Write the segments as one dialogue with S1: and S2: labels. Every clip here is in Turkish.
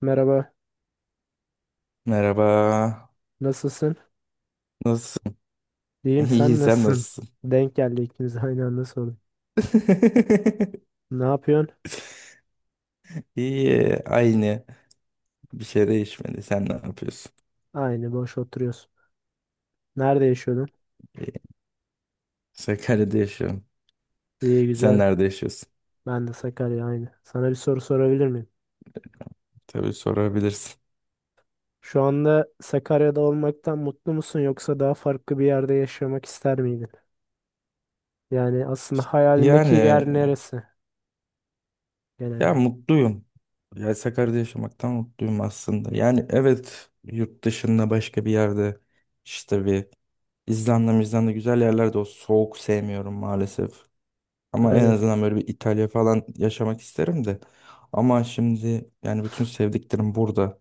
S1: Merhaba,
S2: Merhaba.
S1: nasılsın?
S2: Nasılsın?
S1: İyiyim,
S2: İyi,
S1: sen
S2: sen
S1: nasılsın?
S2: nasılsın?
S1: Denk geldi ikimiz de aynı anda sorduk. Ne yapıyorsun?
S2: İyi, aynı. Bir şey değişmedi. Sen ne yapıyorsun?
S1: Aynı, boş oturuyorsun. Nerede yaşıyordun?
S2: İyi. Sakarya'da yaşıyorum.
S1: İyi,
S2: Sen
S1: güzel.
S2: nerede yaşıyorsun?
S1: Ben de Sakarya, aynı. Sana bir soru sorabilir miyim?
S2: Tabii sorabilirsin.
S1: Şu anda Sakarya'da olmaktan mutlu musun yoksa daha farklı bir yerde yaşamak ister miydin? Yani aslında hayalindeki
S2: Yani,
S1: yer neresi genel
S2: ya
S1: olarak?
S2: mutluyum. Ya Sakarya'da yaşamaktan mutluyum aslında. Yani evet, yurt dışında başka bir yerde, işte bir, İzlanda, İzlanda güzel yerlerde. O soğuk sevmiyorum maalesef. Ama en
S1: Aynen.
S2: azından böyle bir İtalya falan yaşamak isterim de. Ama şimdi yani bütün sevdiklerim burada.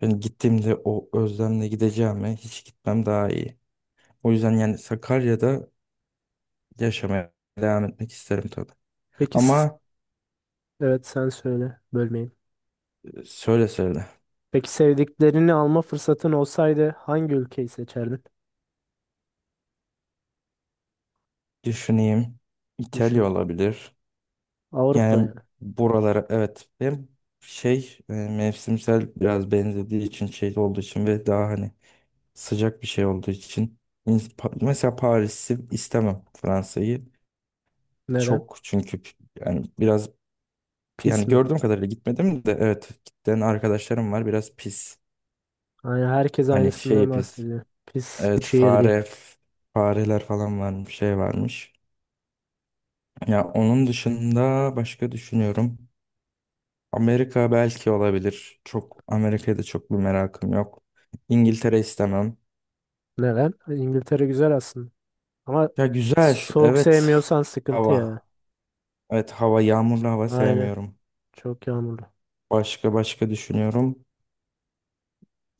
S2: Yani gittiğimde o özlemle gideceğime hiç gitmem daha iyi. O yüzden yani Sakarya'da yaşamaya devam etmek isterim tabii.
S1: Peki,
S2: Ama
S1: evet sen söyle, bölmeyeyim.
S2: söyle, söyle.
S1: Peki sevdiklerini alma fırsatın olsaydı hangi ülkeyi seçerdin?
S2: Düşüneyim. İtalya
S1: Düşün.
S2: olabilir.
S1: Avrupa
S2: Yani
S1: yani.
S2: buralara, evet. Hem şey, mevsimsel biraz benzediği için, şey olduğu için ve daha hani sıcak bir şey olduğu için, mesela Paris'i istemem, Fransa'yı
S1: Neden?
S2: çok, çünkü yani biraz,
S1: Pis
S2: yani
S1: mi?
S2: gördüğüm kadarıyla gitmedim de, evet, giden arkadaşlarım var, biraz pis.
S1: Yani herkes
S2: Hani
S1: aynısından
S2: şey pis,
S1: bahsediyor. Pis bir
S2: evet,
S1: şehir değil.
S2: fareler falan varmış, şey varmış. Ya onun dışında başka düşünüyorum, Amerika belki olabilir, çok Amerika'ya da çok bir merakım yok. İngiltere istemem.
S1: Neden? İngiltere güzel aslında. Ama
S2: Ya güzel,
S1: soğuk
S2: evet,
S1: sevmiyorsan sıkıntı ya.
S2: hava, evet, hava yağmurlu, hava
S1: Aynen.
S2: sevmiyorum.
S1: Çok yağmurlu.
S2: Başka başka düşünüyorum.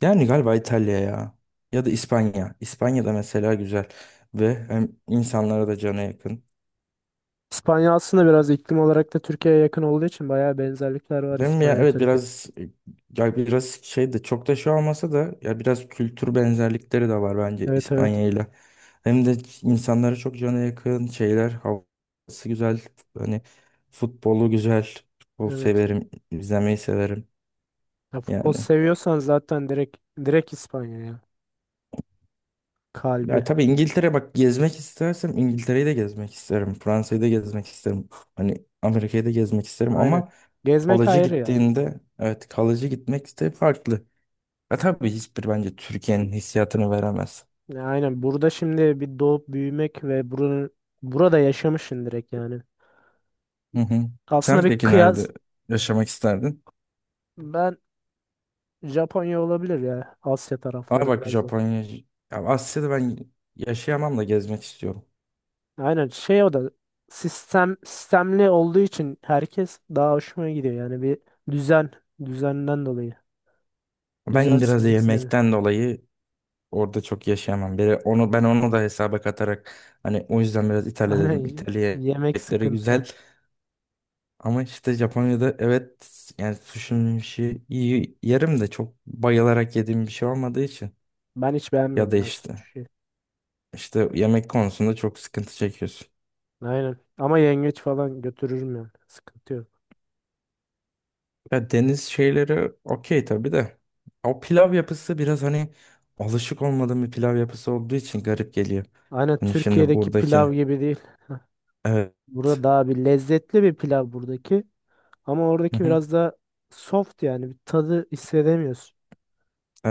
S2: Yani galiba İtalya ya. Ya da İspanya. İspanya'da mesela güzel. Ve hem insanlara da cana yakın.
S1: İspanya aslında biraz iklim olarak da Türkiye'ye yakın olduğu için bayağı benzerlikler var
S2: Hem, ya
S1: İspanya
S2: evet
S1: Türkiye.
S2: biraz, ya biraz şey de, çok da şey olmasa da, ya biraz kültür benzerlikleri de var bence
S1: Evet evet.
S2: İspanya ile. Hem de insanlara çok cana yakın, şeyler, havası güzel. Hani, futbolu güzel. Futbol
S1: Evet.
S2: severim, izlemeyi severim
S1: Ya futbol
S2: yani.
S1: seviyorsan zaten direkt İspanya ya.
S2: Ya
S1: Kalbi.
S2: tabii İngiltere, bak gezmek istersem İngiltere'yi de gezmek isterim. Fransa'yı da gezmek isterim. Hani Amerika'yı da gezmek isterim
S1: Aynen.
S2: ama
S1: Gezmek
S2: kalıcı
S1: ayrı ya.
S2: gittiğinde, evet, kalıcı gitmek de farklı. Ya tabii hiçbir, bence Türkiye'nin hissiyatını veremez.
S1: Ya aynen. Burada şimdi bir doğup büyümek ve buranın burada yaşamışsın direkt yani.
S2: Hı hı.
S1: Aslında
S2: Sen
S1: bir
S2: peki
S1: kıyas
S2: nerede yaşamak isterdin?
S1: ben Japonya olabilir ya. Asya
S2: Abi
S1: tarafları
S2: bak
S1: biraz da.
S2: Japonya, ya Asya'da ben yaşayamam da gezmek istiyorum.
S1: Aynen şey o da sistemli olduğu için herkes daha hoşuma gidiyor. Yani bir düzen düzenden dolayı.
S2: Ben biraz da
S1: Düzensizlik sevmiyorum.
S2: yemekten dolayı orada çok yaşayamam. Bir, onu, ben onu da hesaba katarak, hani o yüzden biraz İtalya
S1: Aynen
S2: dedim.
S1: y-
S2: İtalya
S1: yemek
S2: yemekleri
S1: sıkıntı.
S2: güzel ama işte Japonya'da, evet, yani sushi'nin işi iyi yerim de çok bayılarak yediğim bir şey olmadığı için,
S1: Ben hiç
S2: ya
S1: beğenmiyorum
S2: da
S1: ya
S2: işte
S1: suşi.
S2: işte yemek konusunda çok sıkıntı çekiyorsun.
S1: Aynen. Ama yengeç falan götürürüm yani. Sıkıntı yok.
S2: Ya deniz şeyleri okey tabii de, o pilav yapısı biraz hani, alışık olmadığım bir pilav yapısı olduğu için garip geliyor.
S1: Aynen
S2: Hani şimdi
S1: Türkiye'deki pilav
S2: buradakini,
S1: gibi değil.
S2: evet.
S1: Burada daha bir lezzetli bir pilav buradaki. Ama oradaki biraz da soft, yani bir tadı hissedemiyorsun.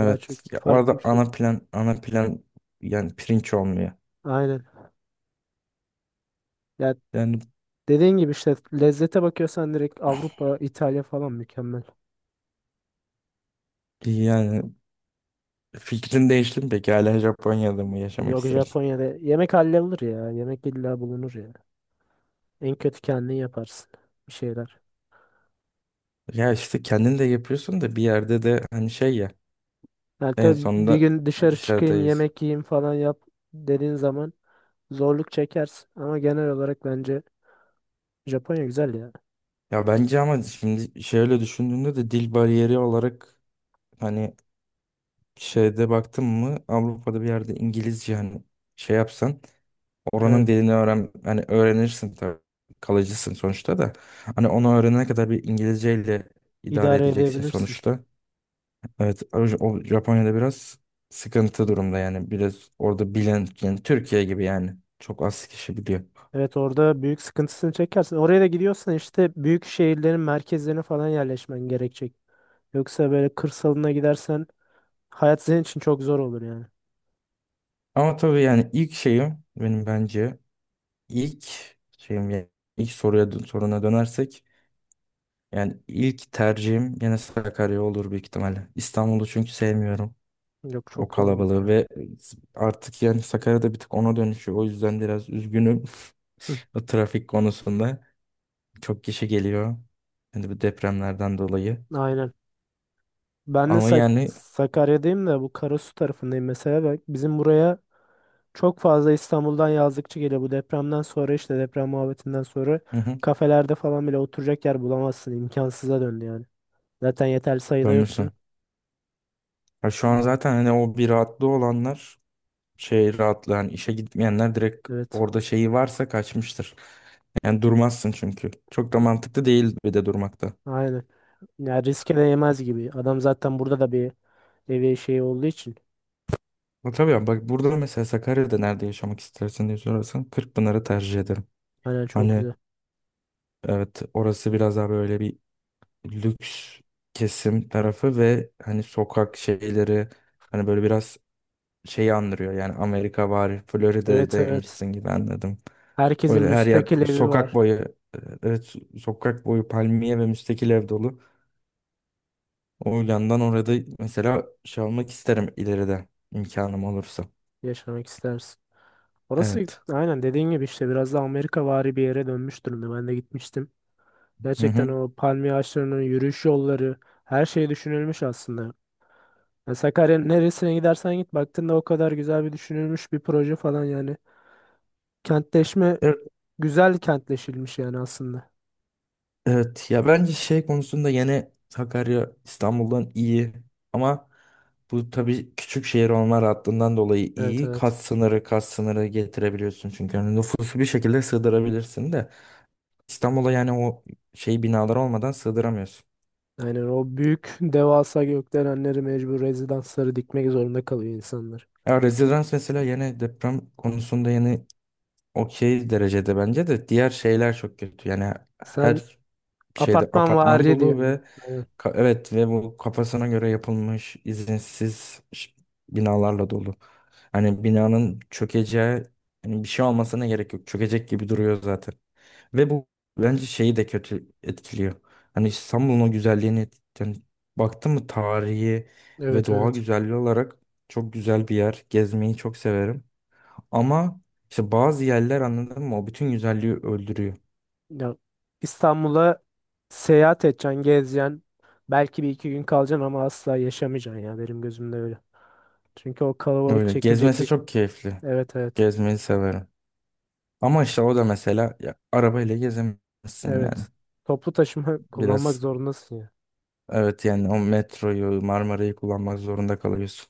S1: Daha çok
S2: Ya
S1: farklı
S2: orada
S1: bir
S2: ana
S1: şey.
S2: plan, ana plan, yani pirinç olmuyor.
S1: Aynen. Ya
S2: Yani
S1: dediğin gibi işte lezzete bakıyorsan direkt Avrupa, İtalya falan mükemmel.
S2: yani fikrin değişti mi peki, hala Japonya'da mı yaşamak
S1: Yok,
S2: istersin?
S1: Japonya'da yemek hallolur ya. Yemek illa bulunur ya. En kötü kendin yaparsın bir şeyler.
S2: Ya işte kendin de yapıyorsun da bir yerde de, hani şey ya,
S1: Yani
S2: en
S1: tabii bir
S2: sonunda
S1: gün dışarı çıkayım
S2: dışarıdayız.
S1: yemek yiyeyim falan yap dediğin zaman zorluk çekersin. Ama genel olarak bence Japonya güzel ya.
S2: Ya bence ama şimdi şöyle düşündüğünde de dil bariyeri olarak, hani şeyde baktın mı, Avrupa'da bir yerde İngilizce, hani şey yapsan, oranın
S1: Evet,
S2: dilini öğren, hani öğrenirsin tabii. Kalıcısın sonuçta da. Hani onu öğrenene kadar bir İngilizceyle idare
S1: idare
S2: edeceksin
S1: edebilirsin.
S2: sonuçta. Evet, o Japonya'da biraz sıkıntı durumda yani. Biraz orada bilen, yani Türkiye gibi yani. Çok az kişi biliyor.
S1: Evet, orada büyük sıkıntısını çekersin. Oraya da gidiyorsan işte büyük şehirlerin merkezlerine falan yerleşmen gerekecek. Yoksa böyle kırsalına gidersen hayat senin için çok zor olur yani.
S2: Ama tabii yani ilk şeyim, benim bence ilk şeyim, yani ilk soruya, soruna dönersek, yani ilk tercihim gene Sakarya olur büyük ihtimalle. İstanbul'u çünkü sevmiyorum.
S1: Yok çok
S2: O
S1: kalabalık
S2: kalabalığı
S1: ya.
S2: ve, artık yani Sakarya'da bir tık ona dönüşüyor. O yüzden biraz üzgünüm
S1: Hı,
S2: o trafik konusunda. Çok kişi geliyor. Hani bu depremlerden dolayı.
S1: aynen. Ben de
S2: Ama yani,
S1: Sakarya'dayım da bu Karasu tarafındayım mesela. Bak, bizim buraya çok fazla İstanbul'dan yazlıkçı geliyor. Bu depremden sonra işte deprem muhabbetinden sonra
S2: hı hı,
S1: kafelerde falan bile oturacak yer bulamazsın. İmkansıza döndü yani. Zaten yeterli sayıda yoktu.
S2: dönmüşsün. Ya şu an zaten hani o bir rahatlığı olanlar, şey rahatlığı, hani işe gitmeyenler direkt,
S1: Evet.
S2: orada şeyi varsa kaçmıştır. Yani durmazsın çünkü. Çok da mantıklı değil bir de durmakta.
S1: Aynen. Ya riske değmez gibi. Adam zaten burada da bir evi şey olduğu için.
S2: Ama tabii ya, bak burada mesela Sakarya'da nerede yaşamak istersin diye sorarsan, Kırkpınar'ı tercih ederim.
S1: Aynen çok
S2: Hani,
S1: güzel.
S2: evet, orası biraz daha böyle bir lüks kesim tarafı ve hani sokak şeyleri, hani böyle biraz şeyi andırıyor. Yani Amerika var,
S1: Evet evet.
S2: Florida'daymışsın gibi anladım.
S1: Herkesin
S2: Böyle her yer
S1: müstakil evi
S2: sokak
S1: var.
S2: boyu, e, evet, sokak boyu palmiye ve müstakil ev dolu. O yandan orada mesela şey almak isterim ileride imkanım olursa.
S1: Yaşamak istersin. Orası
S2: Evet.
S1: aynen dediğin gibi işte biraz da Amerikavari bir yere dönmüş durumda. Ben de gitmiştim.
S2: Hı
S1: Gerçekten
S2: hı.
S1: o palmiye ağaçlarının yürüyüş yolları, her şey düşünülmüş aslında. Ya Sakarya'nın neresine gidersen git, baktığında o kadar güzel bir düşünülmüş bir proje falan yani. Kentleşme
S2: Evet.
S1: güzel kentleşilmiş yani aslında.
S2: Evet ya bence şey konusunda yine Sakarya İstanbul'dan iyi ama bu tabii küçük şehir olma rahatlığından dolayı
S1: Evet
S2: iyi. Kat
S1: evet.
S2: sınırı, kat sınırı getirebiliyorsun çünkü hani nüfusu bir şekilde sığdırabilirsin de İstanbul'a, yani o şey binalar olmadan sığdıramıyorsun.
S1: Aynen o büyük devasa gökdelenleri, mecbur rezidansları dikmek zorunda kalıyor insanlar.
S2: Ya rezidans mesela, yine deprem konusunda yine okey derecede, bence de diğer şeyler çok kötü. Yani
S1: Sen
S2: her şeyde
S1: apartman
S2: apartman
S1: vari
S2: dolu ve,
S1: diyorsun. Aynen.
S2: evet, ve bu kafasına göre yapılmış izinsiz binalarla dolu. Hani binanın çökeceği, hani bir şey olmasına gerek yok. Çökecek gibi duruyor zaten. Ve bu bence şeyi de kötü etkiliyor. Hani İstanbul'un o güzelliğini yani baktım mı tarihi ve
S1: Evet
S2: doğa
S1: evet.
S2: güzelliği olarak çok güzel bir yer. Gezmeyi çok severim. Ama işte bazı yerler, anladın mı? O bütün güzelliği öldürüyor.
S1: Ya, İstanbul'a seyahat edeceksin, gezeceksin. Belki bir iki gün kalacaksın ama asla yaşamayacaksın ya, benim gözümde öyle. Çünkü o kalabalık
S2: Öyle.
S1: çekilecek
S2: Gezmesi
S1: bir...
S2: çok keyifli.
S1: Evet evet.
S2: Gezmeyi severim. Ama işte o da mesela ya, arabayla gezemezsin yani.
S1: Evet. Toplu taşıma kullanmak
S2: Biraz,
S1: zorundasın ya.
S2: evet, yani o metroyu, Marmara'yı kullanmak zorunda kalıyorsun.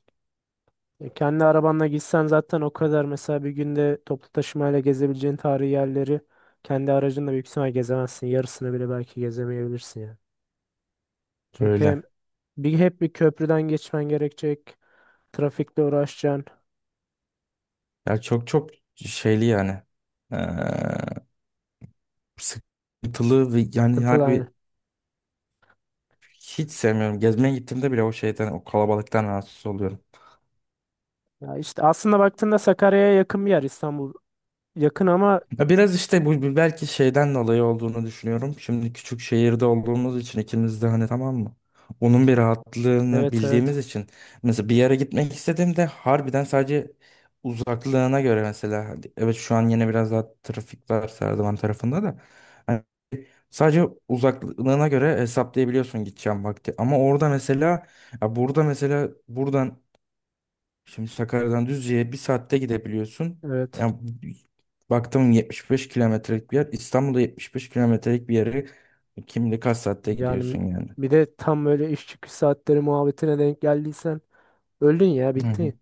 S1: E, Kendi arabanla gitsen zaten o kadar mesela bir günde toplu taşımayla gezebileceğin tarihi yerleri kendi aracınla büyük ihtimal gezemezsin. Yarısını bile belki gezemeyebilirsin yani. Çünkü hem
S2: Öyle.
S1: hep bir köprüden geçmen gerekecek. Trafikle uğraşacaksın.
S2: Ya çok çok şeyli yani. Ee, sıkıntılı ve yani
S1: Sıkıntılı aynı.
S2: harbi hiç sevmiyorum. Gezmeye gittiğimde bile o şeyden, o kalabalıktan rahatsız oluyorum.
S1: Ya işte aslında baktığında Sakarya'ya yakın bir yer İstanbul. Yakın ama
S2: Ya biraz işte bu belki şeyden dolayı olduğunu düşünüyorum. Şimdi küçük şehirde olduğumuz için ikimiz de hani, tamam mı? Onun bir rahatlığını
S1: evet evet
S2: bildiğimiz için mesela bir yere gitmek istediğimde harbiden sadece uzaklığına göre, mesela hadi, evet şu an yine biraz daha trafik var Serdivan tarafında da. Hani sadece uzaklığına göre hesaplayabiliyorsun gideceğim vakti. Ama orada mesela, ya burada mesela buradan, şimdi Sakarya'dan Düzce'ye bir saatte gidebiliyorsun.
S1: evet.
S2: Yani baktım, 75 kilometrelik bir yer. İstanbul'da 75 kilometrelik bir yere kim bilir kaç saatte
S1: Yani
S2: gidiyorsun yani.
S1: bir de tam böyle iş çıkış saatleri muhabbetine denk geldiysen öldün ya,
S2: Hı hı.
S1: bittin.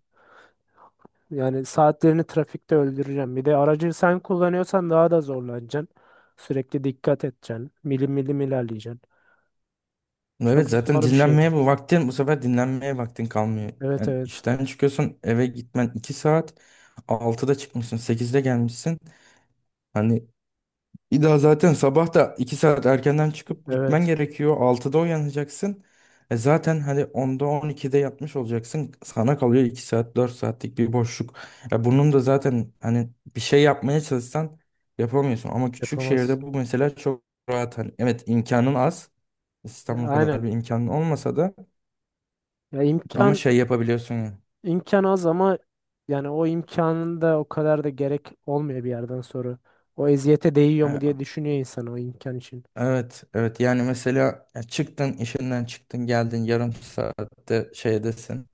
S1: Yani saatlerini trafikte öldüreceğim. Bir de aracı sen kullanıyorsan daha da zorlanacaksın. Sürekli dikkat edeceksin. Milim milim ilerleyeceksin. Çok
S2: Evet zaten
S1: zor bir şey.
S2: dinlenmeye bu vaktin bu sefer dinlenmeye vaktin kalmıyor.
S1: Evet
S2: Yani
S1: evet.
S2: işten çıkıyorsun, eve gitmen 2 saat. 6'da çıkmışsın, 8'de gelmişsin. Hani bir daha zaten sabah da 2 saat erkenden çıkıp gitmen
S1: Evet.
S2: gerekiyor. 6'da uyanacaksın. Zaten hani 10'da 12'de yatmış olacaksın. Sana kalıyor 2 saat, 4 saatlik bir boşluk. Ya bunun da zaten hani bir şey yapmaya çalışsan yapamıyorsun. Ama küçük
S1: Yapamaz.
S2: şehirde bu mesela çok rahat. Hani, evet, imkanın az.
S1: E,
S2: İstanbul kadar
S1: Aynen.
S2: bir imkanın olmasa da
S1: Ya
S2: ama
S1: imkan
S2: şey yapabiliyorsun ya.
S1: imkan az ama yani o imkanın da o kadar da gerek olmuyor bir yerden sonra. O eziyete değiyor mu diye
S2: E,
S1: düşünüyor insan o imkan için.
S2: Evet, evet. Yani mesela ya çıktın, işinden çıktın, geldin, yarım saatte şeydesin.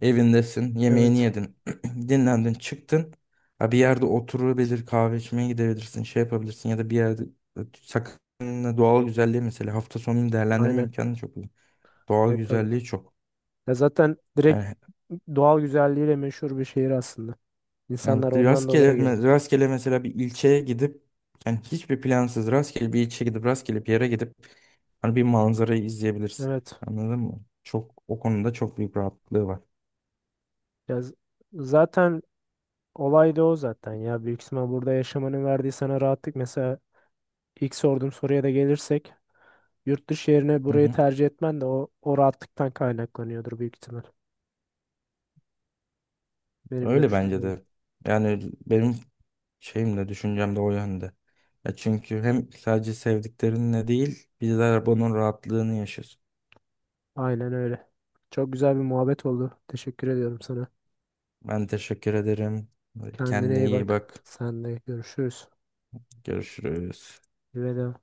S2: Evindesin, yemeğini
S1: Evet.
S2: yedin, dinlendin, çıktın. Ha, bir yerde oturabilir, kahve içmeye gidebilirsin, şey yapabilirsin ya da bir yerde, sakın, doğal güzelliği mesela hafta sonunu değerlendirme
S1: Aynen.
S2: imkanı çok iyi. Doğal
S1: Evet evet.
S2: güzelliği çok.
S1: Ya zaten direkt
S2: Yani,
S1: doğal güzelliğiyle meşhur bir şehir aslında.
S2: yani
S1: İnsanlar ondan
S2: rastgele,
S1: dolayı geliyor.
S2: rastgele mesela bir ilçeye gidip, yani hiçbir plansız rastgele bir ilçeye gidip rastgele bir yere gidip hani bir manzarayı izleyebilirsin.
S1: Evet.
S2: Anladın mı? Çok o konuda çok büyük rahatlığı
S1: Ya zaten olay da o zaten ya. Büyük ihtimal burada yaşamanın verdiği sana rahatlık. Mesela ilk sorduğum soruya da gelirsek yurt dışı yerine burayı
S2: var.
S1: tercih etmen de o rahatlıktan kaynaklanıyordur büyük ihtimal. Benim
S2: Öyle
S1: görüşüm
S2: bence
S1: böyle.
S2: de. Yani benim şeyim de düşüncem de o yönde. Ya çünkü hem sadece sevdiklerinle değil, bizler bunun rahatlığını yaşıyoruz.
S1: Aynen öyle. Çok güzel bir muhabbet oldu. Teşekkür ediyorum sana.
S2: Ben teşekkür ederim.
S1: Kendine
S2: Kendine
S1: iyi
S2: iyi
S1: bak.
S2: bak.
S1: Sen de görüşürüz.
S2: Görüşürüz.
S1: Veda.